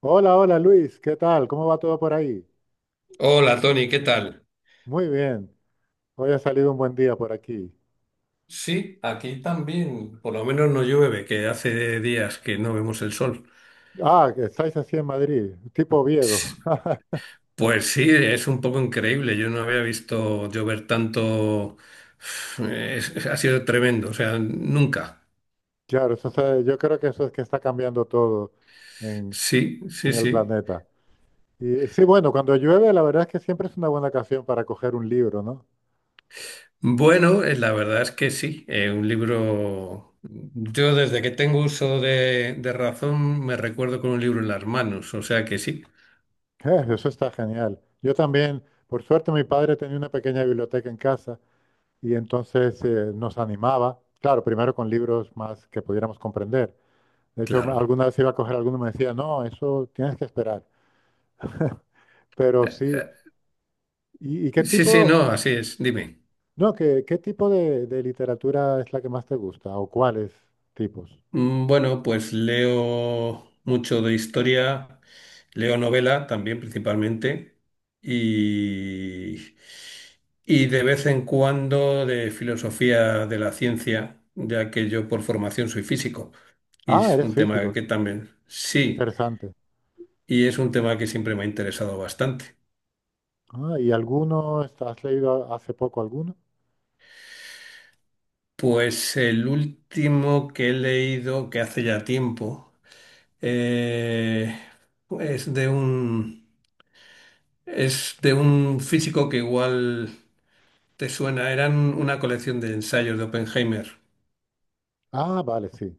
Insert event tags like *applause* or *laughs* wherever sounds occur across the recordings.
Hola, hola Luis, ¿qué tal? ¿Cómo va todo por ahí? Hola Tony, ¿qué tal? Muy bien, hoy ha salido un buen día por aquí. Sí, aquí también, por lo menos no llueve, que hace días que no vemos el sol. Ah, que estáis así en Madrid, tipo Oviedo. Sí, *laughs* pues sí, es un poco increíble, yo no había visto llover tanto. *sighs* Ha sido tremendo, o sea, nunca. Claro, yo creo que eso es que está cambiando todo en, Sí, en sí, el sí. planeta. Y sí, bueno, cuando llueve, la verdad es que siempre es una buena ocasión para coger un libro, ¿no? Bueno, la verdad es que sí, un libro, yo desde que tengo uso de razón me recuerdo con un libro en las manos, o sea que sí, *laughs* Eso está genial. Yo también, por suerte, mi padre tenía una pequeña biblioteca en casa y entonces nos animaba, claro, primero con libros más que pudiéramos comprender. De hecho, claro. alguna vez iba a coger alguno y me decía, no, eso tienes que esperar. Pero Eh, sí, eh, y qué Sí, sí, tipo, no, así es, dime. no, qué, qué tipo de literatura es la que más te gusta o cuáles tipos? Bueno, pues leo mucho de historia, leo novela también principalmente y, y de vez en cuando de filosofía de la ciencia, ya que yo por formación soy físico y Ah, es eres un tema físico, que también qué sí, interesante. y es un tema que siempre me ha interesado bastante. Ah, ¿y alguno, has leído hace poco alguno? Pues el último que he leído, que hace ya tiempo, eh, es de un... Es de un físico que igual te suena. Eran una colección de ensayos de Oppenheimer. Ah, vale, sí,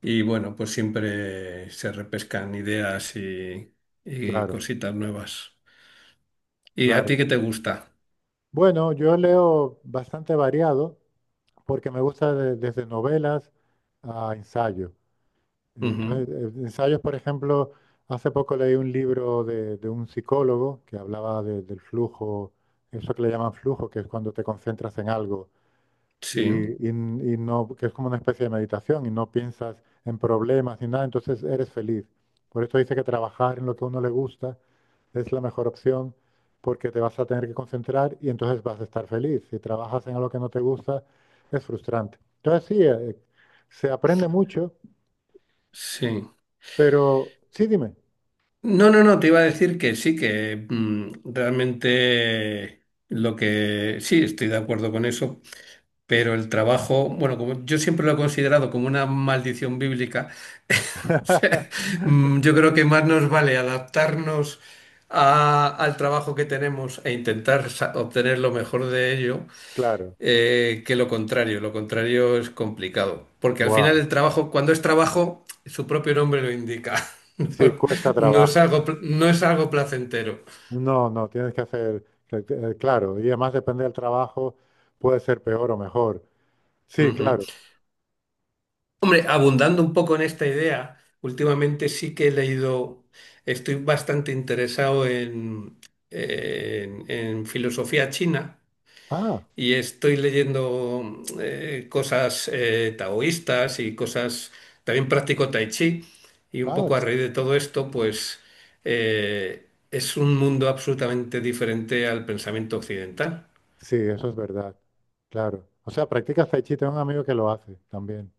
Y bueno, pues siempre se repescan ideas y claro, cositas nuevas. ¿Y a claro. ti qué te gusta? Bueno, yo leo bastante variado porque me gusta desde novelas a ensayo. Ujú, Entonces, ensayos, por ejemplo, hace poco leí un libro de un psicólogo que hablaba del flujo, eso que le llaman flujo, que es cuando te concentras en algo sí, y no, que es como una especie de meditación y no piensas en problemas ni nada, entonces eres feliz. Por esto dice que trabajar en lo que a uno le gusta es la mejor opción porque te vas a tener que concentrar y entonces vas a estar feliz. Si trabajas en algo que no te gusta, es frustrante. Entonces, sí, se aprende mucho. sí. Pero, sí, dime. No, te iba a decir que sí, que realmente lo que sí, estoy de acuerdo con eso. Pero el trabajo, bueno, como yo siempre lo he considerado como una maldición bíblica, *laughs* o sea, *laughs* yo creo que más nos vale adaptarnos al trabajo que tenemos e intentar obtener lo mejor de ello Claro. Que lo contrario. Lo contrario es complicado, porque al final Buah. el trabajo, cuando es trabajo, su propio nombre lo indica. *laughs* Sí, No, cuesta no es trabajo. algo, Claro. No es algo placentero. No, no, tienes que hacer, claro, y además depende del trabajo, puede ser peor o mejor. Sí, Ujú. claro. Hombre, abundando un poco en esta idea, últimamente sí que he leído, estoy bastante interesado en, en filosofía china Ah, y estoy leyendo cosas taoístas y cosas, también practico tai chi y un ah, poco a c- raíz de todo esto, pues es un mundo absolutamente diferente al pensamiento occidental. sí, eso es verdad. Claro. O sea, practicas tai chi, tengo un amigo que lo hace también.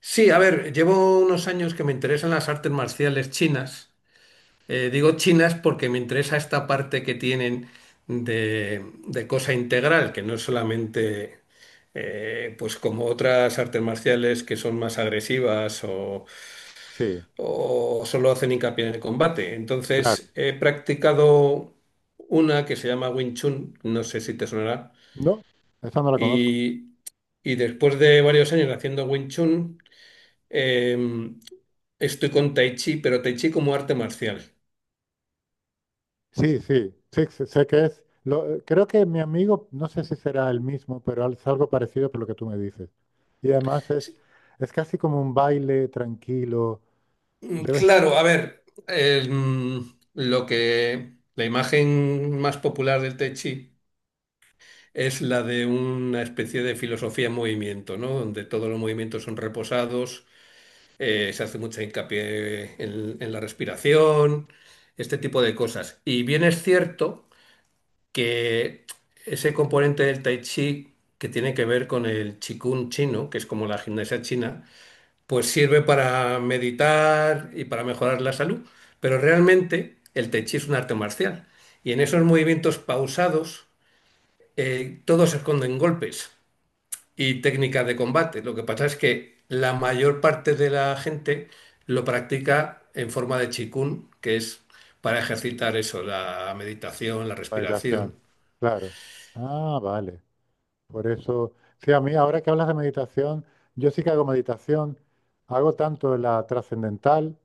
Sí, a ver, llevo unos años que me interesan las artes marciales chinas. Digo chinas porque me interesa esta parte que tienen de cosa integral, que no es solamente pues como otras artes marciales que son más agresivas Sí, o solo hacen hincapié en el combate. claro. Entonces he practicado una que se llama Wing Chun, no sé si te sonará, No, esa no la conozco. y, y después de varios años haciendo Wing Chun, em, estoy con Tai Chi, pero Tai Chi como arte marcial. Sí, sí, sí, sí, sé que es. Lo, creo que mi amigo, no sé si será el mismo, pero al- es algo parecido por lo que tú me dices. Y además es casi como un baile tranquilo, debe ser Claro, a ver, lo que la imagen más popular del Tai Chi es la de una especie de filosofía en movimiento, ¿no? Donde todos los movimientos son reposados, se hace mucha hincapié en la respiración, este tipo de cosas. Y bien es cierto que ese componente del Tai Chi que tiene que ver con el Qigong chino, que es como la gimnasia china, pues sirve para meditar y para mejorar la salud, pero realmente el tai chi es un arte marcial y en esos movimientos pausados todos se esconden golpes y técnicas de combate. Lo que pasa es que la mayor parte de la gente lo practica en forma de chikun, que es para ejercitar eso, la meditación, la una respiración. meditación, claro. Ah, vale. Por eso, sí, a mí ahora que hablas de meditación, yo sí que hago meditación, hago tanto la trascendental,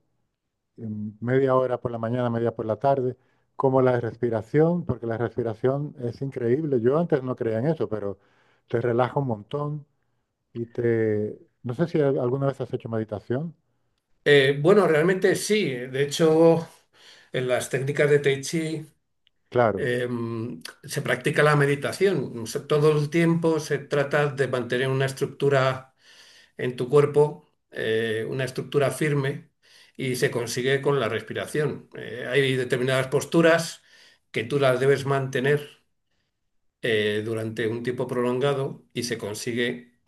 media hora por la mañana, media por la tarde, como la respiración, porque la respiración es increíble. Yo antes no creía en eso, pero te relaja un montón y te... No sé si al- alguna vez has hecho meditación. Bueno, realmente sí. De hecho, en las técnicas de Tai Chi Claro, eh, se practica la meditación. O sea, todo el tiempo se trata de mantener una estructura en tu cuerpo, una estructura firme, y se consigue con la respiración. Hay determinadas posturas que tú las debes mantener durante un tiempo prolongado y se consigue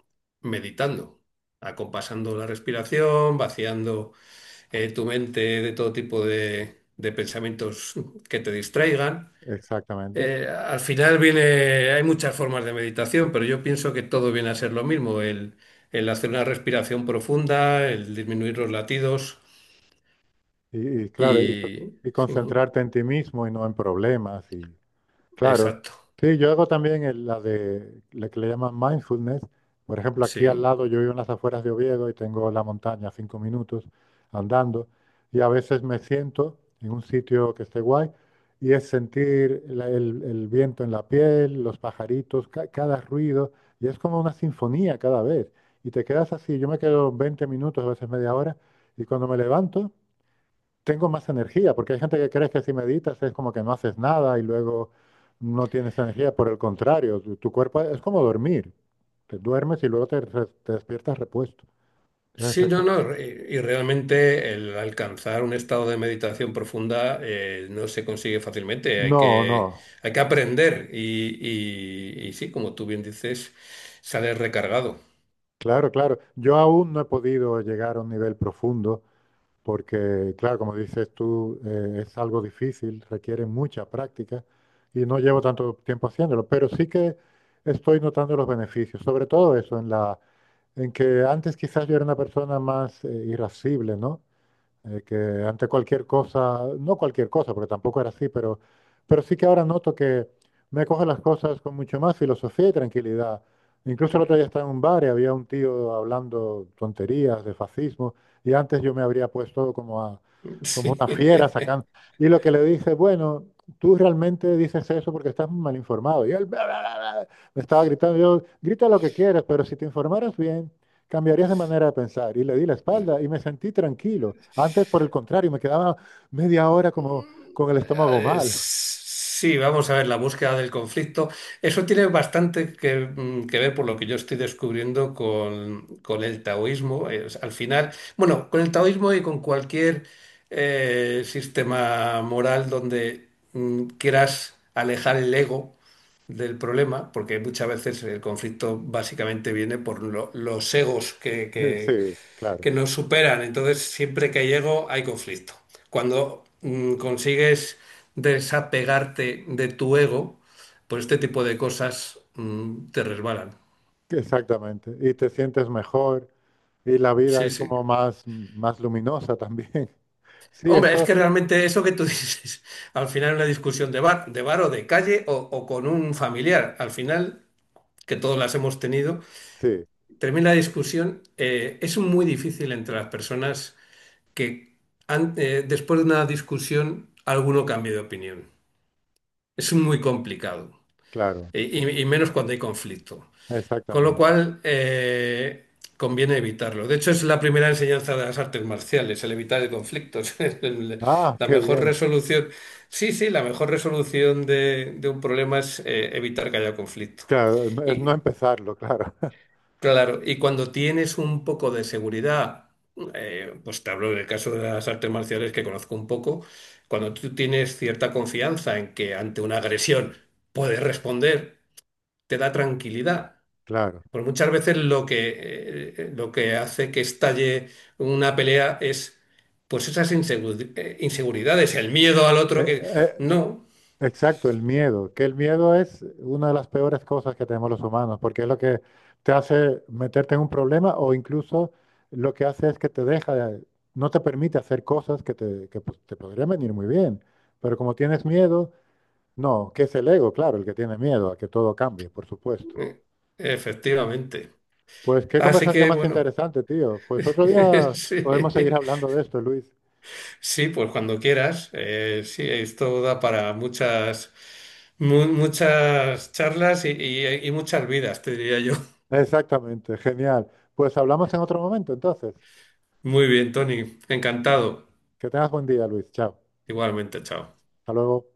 meditando, acompasando la respiración, vaciando tu mente de todo tipo de pensamientos que te distraigan. exactamente. Al final viene, hay muchas formas de meditación, pero yo pienso que todo viene a ser lo mismo, el hacer una respiración profunda, el disminuir los latidos Y, y claro, y, co- y... y Sí, concentrarte en ti mismo y no en problemas y, claro. exacto, Sí, yo hago también la de la que le llaman mindfulness. Por ejemplo, aquí al sí. lado yo vivo en las afueras de Oviedo y tengo la montaña a 5 minutos andando y a veces me siento en un sitio que esté guay y es sentir el viento en la piel, los pajaritos, cada ruido y es como una sinfonía cada vez. Y te quedas así, yo me quedo 20 minutos, a veces media hora y cuando me levanto tengo más energía, porque hay gente que cree que si meditas es como que no haces nada y luego no tienes energía. Por el contrario, tu cuerpo es como dormir. Te duermes y luego te despiertas repuesto. Sí, Entonces no, eso... y realmente el alcanzar un estado de meditación profunda no se consigue fácilmente, No, no. hay que aprender y sí, como tú bien dices, sales recargado. Claro, claro. Yo aún no he podido llegar a un nivel profundo porque, claro, como dices tú, es algo difícil, requiere mucha práctica y no llevo tanto tiempo haciéndolo, pero sí que estoy notando los beneficios, sobre todo eso, en que antes quizás yo era una persona más irascible, ¿no? Que ante cualquier cosa, no cualquier cosa, porque tampoco era así, pero sí que ahora noto que me coge las cosas con mucho más filosofía y tranquilidad. Incluso el otro día estaba en un bar y había un tío hablando tonterías de fascismo, y antes yo me habría puesto como a, como una fiera *laughs* sacando. Y lo que le dije bueno, tú realmente dices eso porque estás mal informado. Y él bla, bla, bla, bla, me estaba gritando, yo, grita lo que quieras, pero si te informaras bien, cambiarías de manera de pensar. Y le di la espalda y Sí. me sentí tranquilo. Antes, por el contrario, me quedaba media hora como con el estómago mal. Sí, vamos a ver, la búsqueda del conflicto. Eso tiene bastante que ver por lo que yo estoy descubriendo con el taoísmo. Al final, bueno, con el taoísmo y con cualquier sistema moral donde quieras alejar el ego del problema, porque muchas veces el conflicto básicamente viene por los egos *laughs* Sí, claro, que nos superan. Entonces, siempre que llego hay conflicto. Cuando consigues desapegarte de tu ego, pues este tipo de cosas te resbalan. exactamente. Y te sientes mejor y la vida Sí, es sí. como más, más luminosa también. *laughs* Sí, Hombre, es eso, que realmente eso que tú *laughs* dices, al final una discusión de bar o de calle o con un familiar, al final, que todos las hemos tenido, sí, termina la discusión, es muy difícil entre las personas que después de una discusión alguno cambie de opinión. Es muy complicado, claro, y menos cuando hay conflicto. Con lo exactamente. cual, conviene evitarlo. De hecho, es la primera enseñanza de las artes marciales, el evitar el conflicto. *laughs* Ah, La qué mejor bien. resolución, sí, sí, la mejor resolución de un problema es evitar que haya conflicto. Claro, no- es no Y empezarlo, claro, *laughs* claro, y cuando tienes un poco de seguridad, pues te hablo del caso de las artes marciales que conozco un poco, cuando tú tienes cierta confianza en que ante una agresión puedes responder, te da tranquilidad. claro. Porque muchas veces lo lo que hace que estalle una pelea es pues esas inseguridades, el miedo al otro Eh, que... eh, No, exacto, el miedo, que el miedo es una de las peores cosas que tenemos los humanos, porque es lo que te hace meterte en un problema o incluso lo que hace es que te deja, no te permite hacer cosas que te, que, pues, te podrían venir muy bien, pero como tienes miedo, no, que es el ego, claro, el que tiene miedo a que todo cambie, por supuesto. eh, efectivamente. Pues qué Así conversación que más bueno, interesante, tío. Pues otro *laughs* día podemos seguir sí, hablando de esto, Luis. sí, pues cuando quieras. Sí, esto da para muchas, muchas charlas y muchas vidas, te diría yo. *laughs* Exactamente, genial. Pues hablamos en otro momento, entonces. Muy bien, Tony, encantado. Que tengas buen día, Luis. Chao. Igualmente, chao. Hasta luego.